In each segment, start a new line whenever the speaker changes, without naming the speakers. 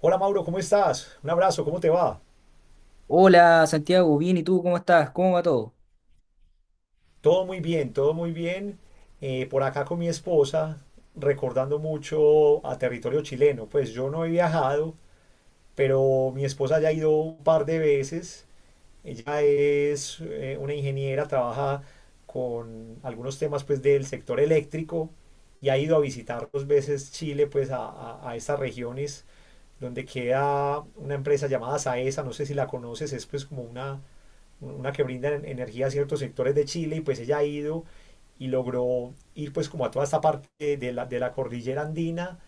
Hola Mauro, ¿cómo estás? Un abrazo, ¿cómo te va?
Hola Santiago, bien, ¿y tú cómo estás? ¿Cómo va todo?
Todo muy bien, todo muy bien. Por acá con mi esposa, recordando mucho a territorio chileno. Pues yo no he viajado, pero mi esposa ya ha ido un par de veces. Ella es una ingeniera, trabaja con algunos temas pues del sector eléctrico y ha ido a visitar dos veces Chile pues a estas regiones donde queda una empresa llamada Saesa, no sé si la conoces, es pues como una que brinda energía a ciertos sectores de Chile y pues ella ha ido y logró ir pues como a toda esta parte de la cordillera andina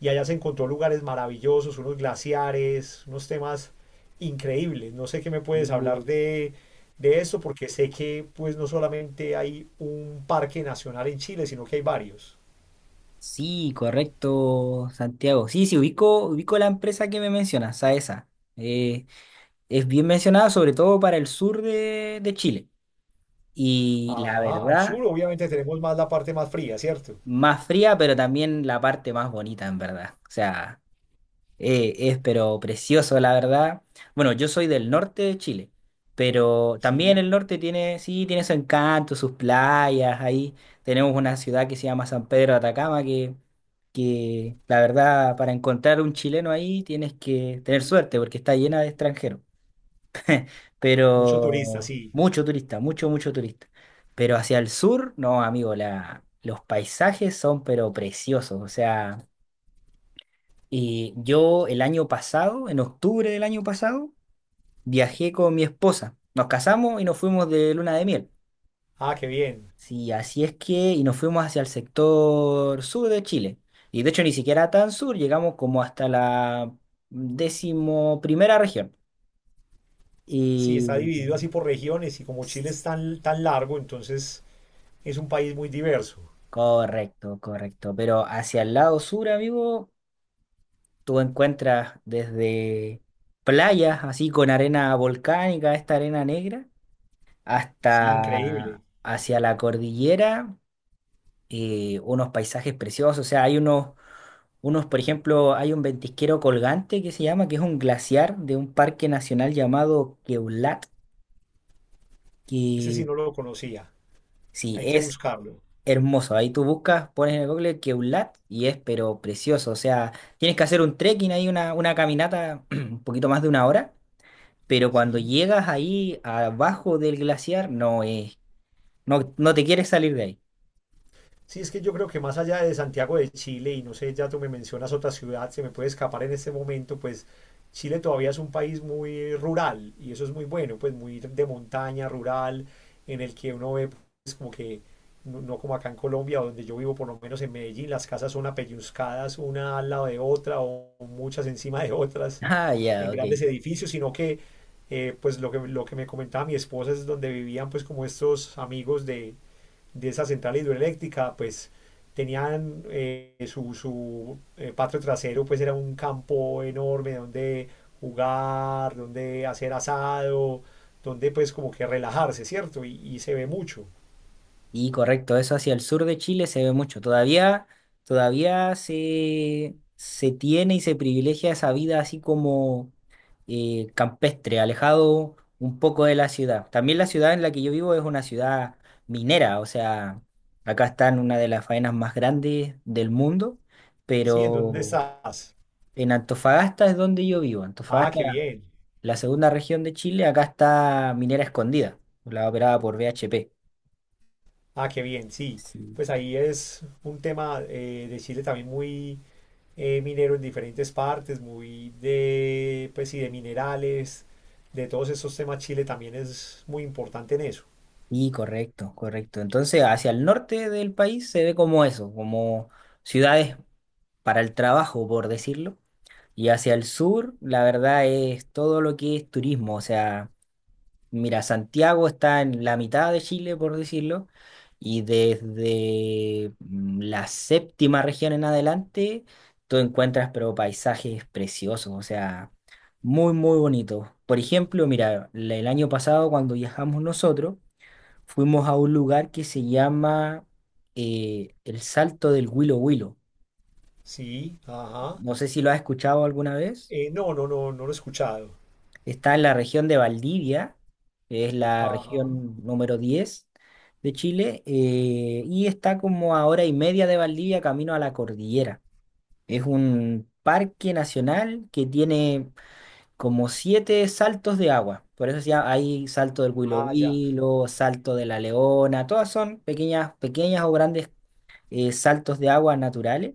y allá se encontró lugares maravillosos, unos glaciares, unos temas increíbles. No sé qué me puedes
Uh,
hablar de esto porque sé que pues no solamente hay un parque nacional en Chile, sino que hay varios.
Sí, correcto, Santiago. Sí, sí, ubico la empresa que me mencionas, a esa. Eh, es bien mencionada sobre todo para el sur de Chile. Y la
Ajá, al
verdad,
sur obviamente tenemos más la parte más fría, ¿cierto?
más fría, pero también la parte más bonita, en verdad. O sea, es pero precioso, la verdad. Bueno, yo soy del norte de Chile, pero también
Sí,
el norte tiene, sí, tiene su encanto, sus playas. Ahí tenemos una ciudad que se llama San Pedro de Atacama, que la verdad, para encontrar un chileno ahí tienes que tener suerte porque está llena de extranjeros.
mucho turista,
Pero
sí.
mucho turista, mucho, mucho turista. Pero hacia el sur, no, amigo, los paisajes son pero preciosos. O sea, y yo el año pasado, en octubre del año pasado, viajé con mi esposa. Nos casamos y nos fuimos de luna de miel.
Ah, qué bien.
Sí, así es que, y nos fuimos hacia el sector sur de Chile. Y de hecho ni siquiera tan sur, llegamos como hasta la 11.ª región.
Sí, está
Y
dividido así por regiones y como Chile
s-
es tan, tan largo, entonces es un país muy diverso.
Correcto, correcto. Pero hacia el lado sur, amigo, tú encuentras desde playas así con arena volcánica, esta arena negra
Sí, increíble.
hasta hacia la cordillera, unos paisajes preciosos. O sea, hay por ejemplo, hay un ventisquero colgante que se llama, que es un glaciar de un parque nacional llamado Queulat,
Ese
que
sí no lo conocía.
sí,
Hay que
es
buscarlo.
hermoso. Ahí tú buscas, pones en el Google Queulat y es, pero precioso. O sea, tienes que hacer un trekking ahí, una caminata un poquito más de una hora. Pero cuando
Sí.
llegas ahí abajo del glaciar, no, no te quieres salir de ahí.
Sí, es que yo creo que más allá de Santiago de Chile, y no sé, ya tú me mencionas otra ciudad, se me puede escapar en este momento, pues Chile todavía es un país muy rural, y eso es muy bueno, pues muy de montaña, rural, en el que uno ve, pues como que, no, no como acá en Colombia, donde yo vivo, por lo menos en Medellín, las casas son apelluzcadas una al lado de otra o muchas encima de otras
Ah,
en
ya, ok.
grandes edificios, sino que pues lo que me comentaba mi esposa es donde vivían pues como estos amigos de esa central hidroeléctrica, pues tenían su patio trasero, pues era un campo enorme donde jugar, donde hacer asado, donde pues como que relajarse, ¿cierto? Y se ve mucho.
Y correcto, eso hacia el sur de Chile se ve mucho. Todavía se tiene y se privilegia esa vida así como campestre, alejado un poco de la ciudad. También la ciudad en la que yo vivo es una ciudad minera, o sea, acá está en una de las faenas más grandes del mundo,
Sí, ¿en dónde
pero
estás?
en Antofagasta es donde yo vivo.
Ah,
Antofagasta,
qué bien.
la 2.ª región de Chile, acá está Minera Escondida, la operada por BHP.
Ah, qué bien, sí.
Sí.
Pues ahí es un tema de Chile también muy minero en diferentes partes, muy de, pues, sí de minerales, de todos esos temas. Chile también es muy importante en eso.
Y correcto, correcto. Entonces, hacia el norte del país se ve como eso, como ciudades para el trabajo, por decirlo. Y hacia el sur, la verdad es todo lo que es turismo. O sea, mira, Santiago está en la mitad de Chile, por decirlo. Y desde la 7.ª región en adelante, tú encuentras, pero paisajes preciosos. O sea, muy, muy bonitos. Por ejemplo, mira, el año pasado cuando viajamos nosotros, fuimos a un lugar que se llama el Salto del Huilo Huilo.
Sí, ajá.
No sé si lo has escuchado alguna vez.
No, no, no, no lo he escuchado.
Está en la región de Valdivia, que es la
Ajá.
región número 10 de Chile, y está como a hora y media de Valdivia camino a la cordillera. Es un parque nacional que tiene como 7 saltos de agua. Por eso se llama, hay salto del Huilo
Ah, ya.
Huilo, salto de la Leona, todas son pequeñas, pequeñas o grandes saltos de agua naturales,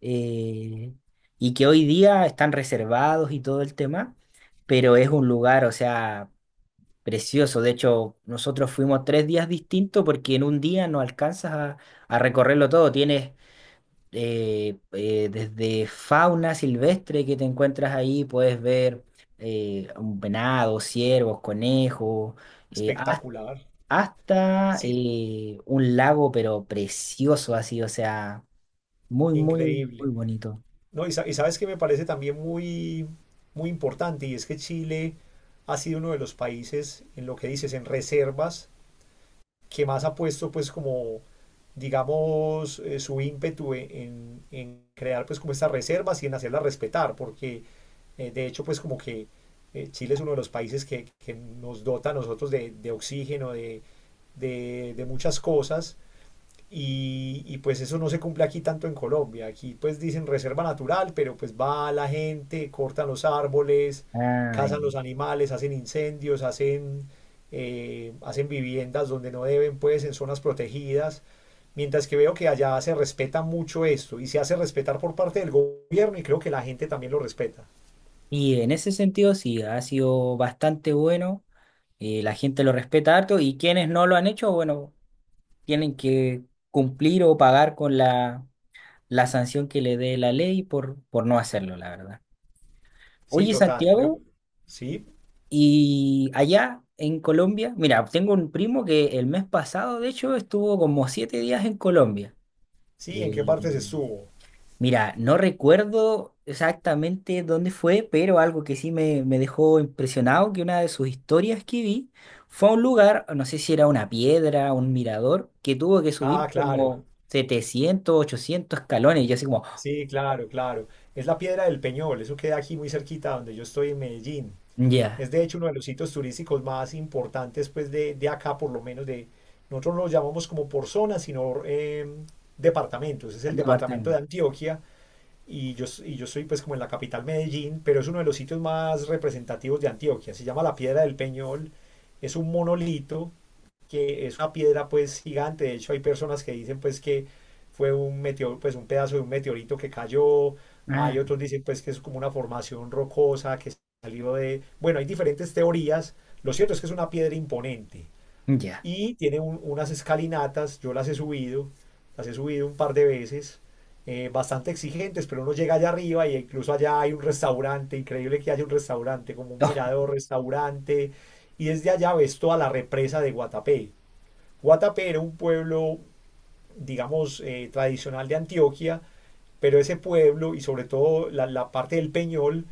eh, y que hoy día están reservados y todo el tema, pero es un lugar, o sea, precioso. De hecho, nosotros fuimos 3 días distintos porque en un día no alcanzas a recorrerlo todo. Tienes desde fauna silvestre que te encuentras ahí, puedes ver un venado, ciervos, conejos, eh, has-
Espectacular.
hasta
Sí,
un lago pero precioso así, o sea, muy, muy, muy
increíble.
bonito.
No, y, sa- Y sabes que me parece también muy, muy importante, y es que Chile ha sido uno de los países, en lo que dices, en reservas, que más ha puesto, pues, como, digamos, su ímpetu en crear, pues, como estas reservas y en hacerlas respetar, porque de hecho, pues como que Chile es uno de los países que nos dota a nosotros de oxígeno, de muchas cosas. Y, pues eso no se cumple aquí tanto en Colombia. Aquí pues dicen reserva natural, pero pues va la gente, cortan los árboles,
Ay,
cazan los animales, hacen incendios, hacen, hacen viviendas donde no deben, pues en zonas protegidas. Mientras que veo que allá se respeta mucho esto y se hace respetar por parte del gobierno y creo que la gente también lo respeta.
y en ese sentido sí, ha sido bastante bueno. La gente lo respeta harto y quienes no lo han hecho, bueno, tienen que cumplir o pagar con la sanción que le dé la ley por no hacerlo, la verdad.
Sí,
Oye,
total, creo.
Santiago,
Sí,
y allá en Colombia, mira, tengo un primo que el mes pasado, de hecho, estuvo como 7 días en Colombia.
sí, ¿en qué
Eh,
parte se subo?
Mira, no recuerdo exactamente dónde fue, pero algo que sí me dejó impresionado, que una de sus historias que vi fue a un lugar, no sé si era una piedra, un mirador, que tuvo que
Ah,
subir
claro.
como 700, 800 escalones, y yo así como,
Sí, claro, claro. Es la Piedra del Peñol, eso queda aquí muy cerquita donde yo estoy en Medellín.
ya,
Es de hecho uno de los sitios turísticos más importantes, pues de acá, por lo menos de. Nosotros no lo llamamos como por zonas, sino em, departamentos. Es el departamento de
departamento,
Antioquia y y yo soy, pues, como en la capital Medellín, pero es uno de los sitios más representativos de Antioquia. Se llama la Piedra del Peñol, es un monolito que es una piedra pues gigante. De hecho, hay personas que dicen pues que fue un meteoro, pues un pedazo de un meteorito que cayó.
ah,
Hay otros dicen pues que es como una formación rocosa que salió de... Bueno, hay diferentes teorías. Lo cierto es que es una piedra imponente
ya,
y tiene unas escalinatas. Yo las he subido un par de veces. Eh, bastante exigentes, pero uno llega allá arriba y incluso allá hay un restaurante, increíble que haya un restaurante, como un
oh,
mirador restaurante, y desde allá ves toda la represa de Guatapé. Guatapé era un pueblo, digamos, tradicional de Antioquia, pero ese pueblo y sobre todo la parte del Peñol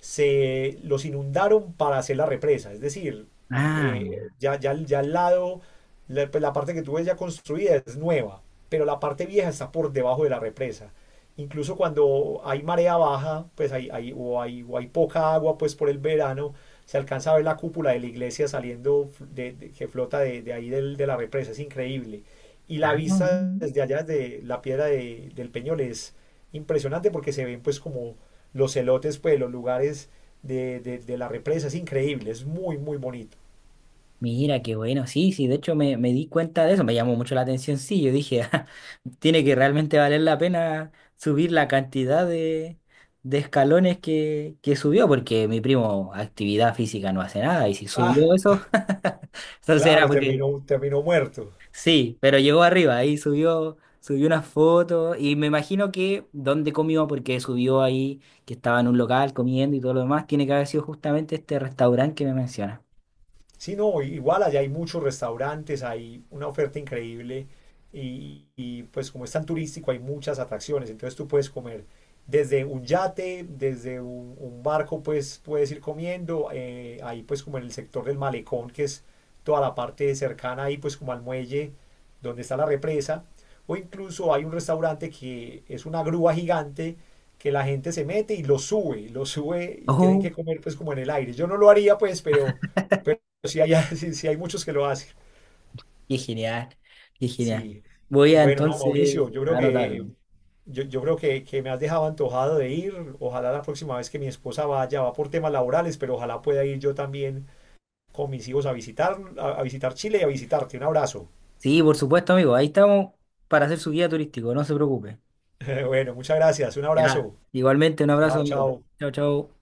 se los inundaron para hacer la represa, es decir,
ah, ya,
ya al lado, pues, la parte que tú ves ya construida es nueva, pero la parte vieja está por debajo de la represa. Incluso cuando hay marea baja, pues o hay poca agua pues por el verano, se alcanza a ver la cúpula de la iglesia saliendo que flota de ahí de la represa, es increíble. Y
ah,
la vista desde allá, desde la piedra de del Peñol, es, impresionante porque se ven pues como los celotes, pues los lugares de la represa, es increíble, es muy, muy bonito.
mira, qué bueno, sí, sí, de hecho me di cuenta de eso, me llamó mucho la atención, sí, yo dije, "Ah, tiene que realmente valer la pena subir la cantidad de escalones que subió, porque mi primo actividad física no hace nada, y si
Ah,
subió eso", entonces era
claro,
porque,
terminó, terminó muerto.
sí, pero llegó arriba, ahí subió, subió una foto, y me imagino que donde comió, porque subió ahí, que estaba en un local comiendo y todo lo demás, tiene que haber sido justamente este restaurante que me menciona.
Sí, no, igual allá hay muchos restaurantes, hay una oferta increíble y, pues como es tan turístico hay muchas atracciones, entonces tú puedes comer desde un yate, desde un barco pues puedes ir comiendo, ahí pues como en el sector del malecón que es toda la parte cercana ahí pues como al muelle donde está la represa o incluso hay un restaurante que es una grúa gigante que la gente se mete y lo sube y tienen que
¡Oh!
comer pues como en el aire. Yo no lo haría pues, pero sí hay, sí hay muchos que lo hacen.
Qué genial, qué genial.
Sí.
Voy a
Bueno, no,
entonces
Mauricio, yo creo
a
que,
anotarlo.
yo creo que me has dejado antojado de ir. Ojalá la próxima vez que mi esposa vaya, va por temas laborales, pero ojalá pueda ir yo también con mis hijos a visitar, a visitar Chile y a visitarte. Un abrazo.
Sí, por supuesto, amigo. Ahí estamos para hacer su guía turístico, no se preocupe.
Bueno, muchas gracias. Un
Ya,
abrazo.
igualmente un abrazo,
Chao,
amigo.
chao.
Chao, chao.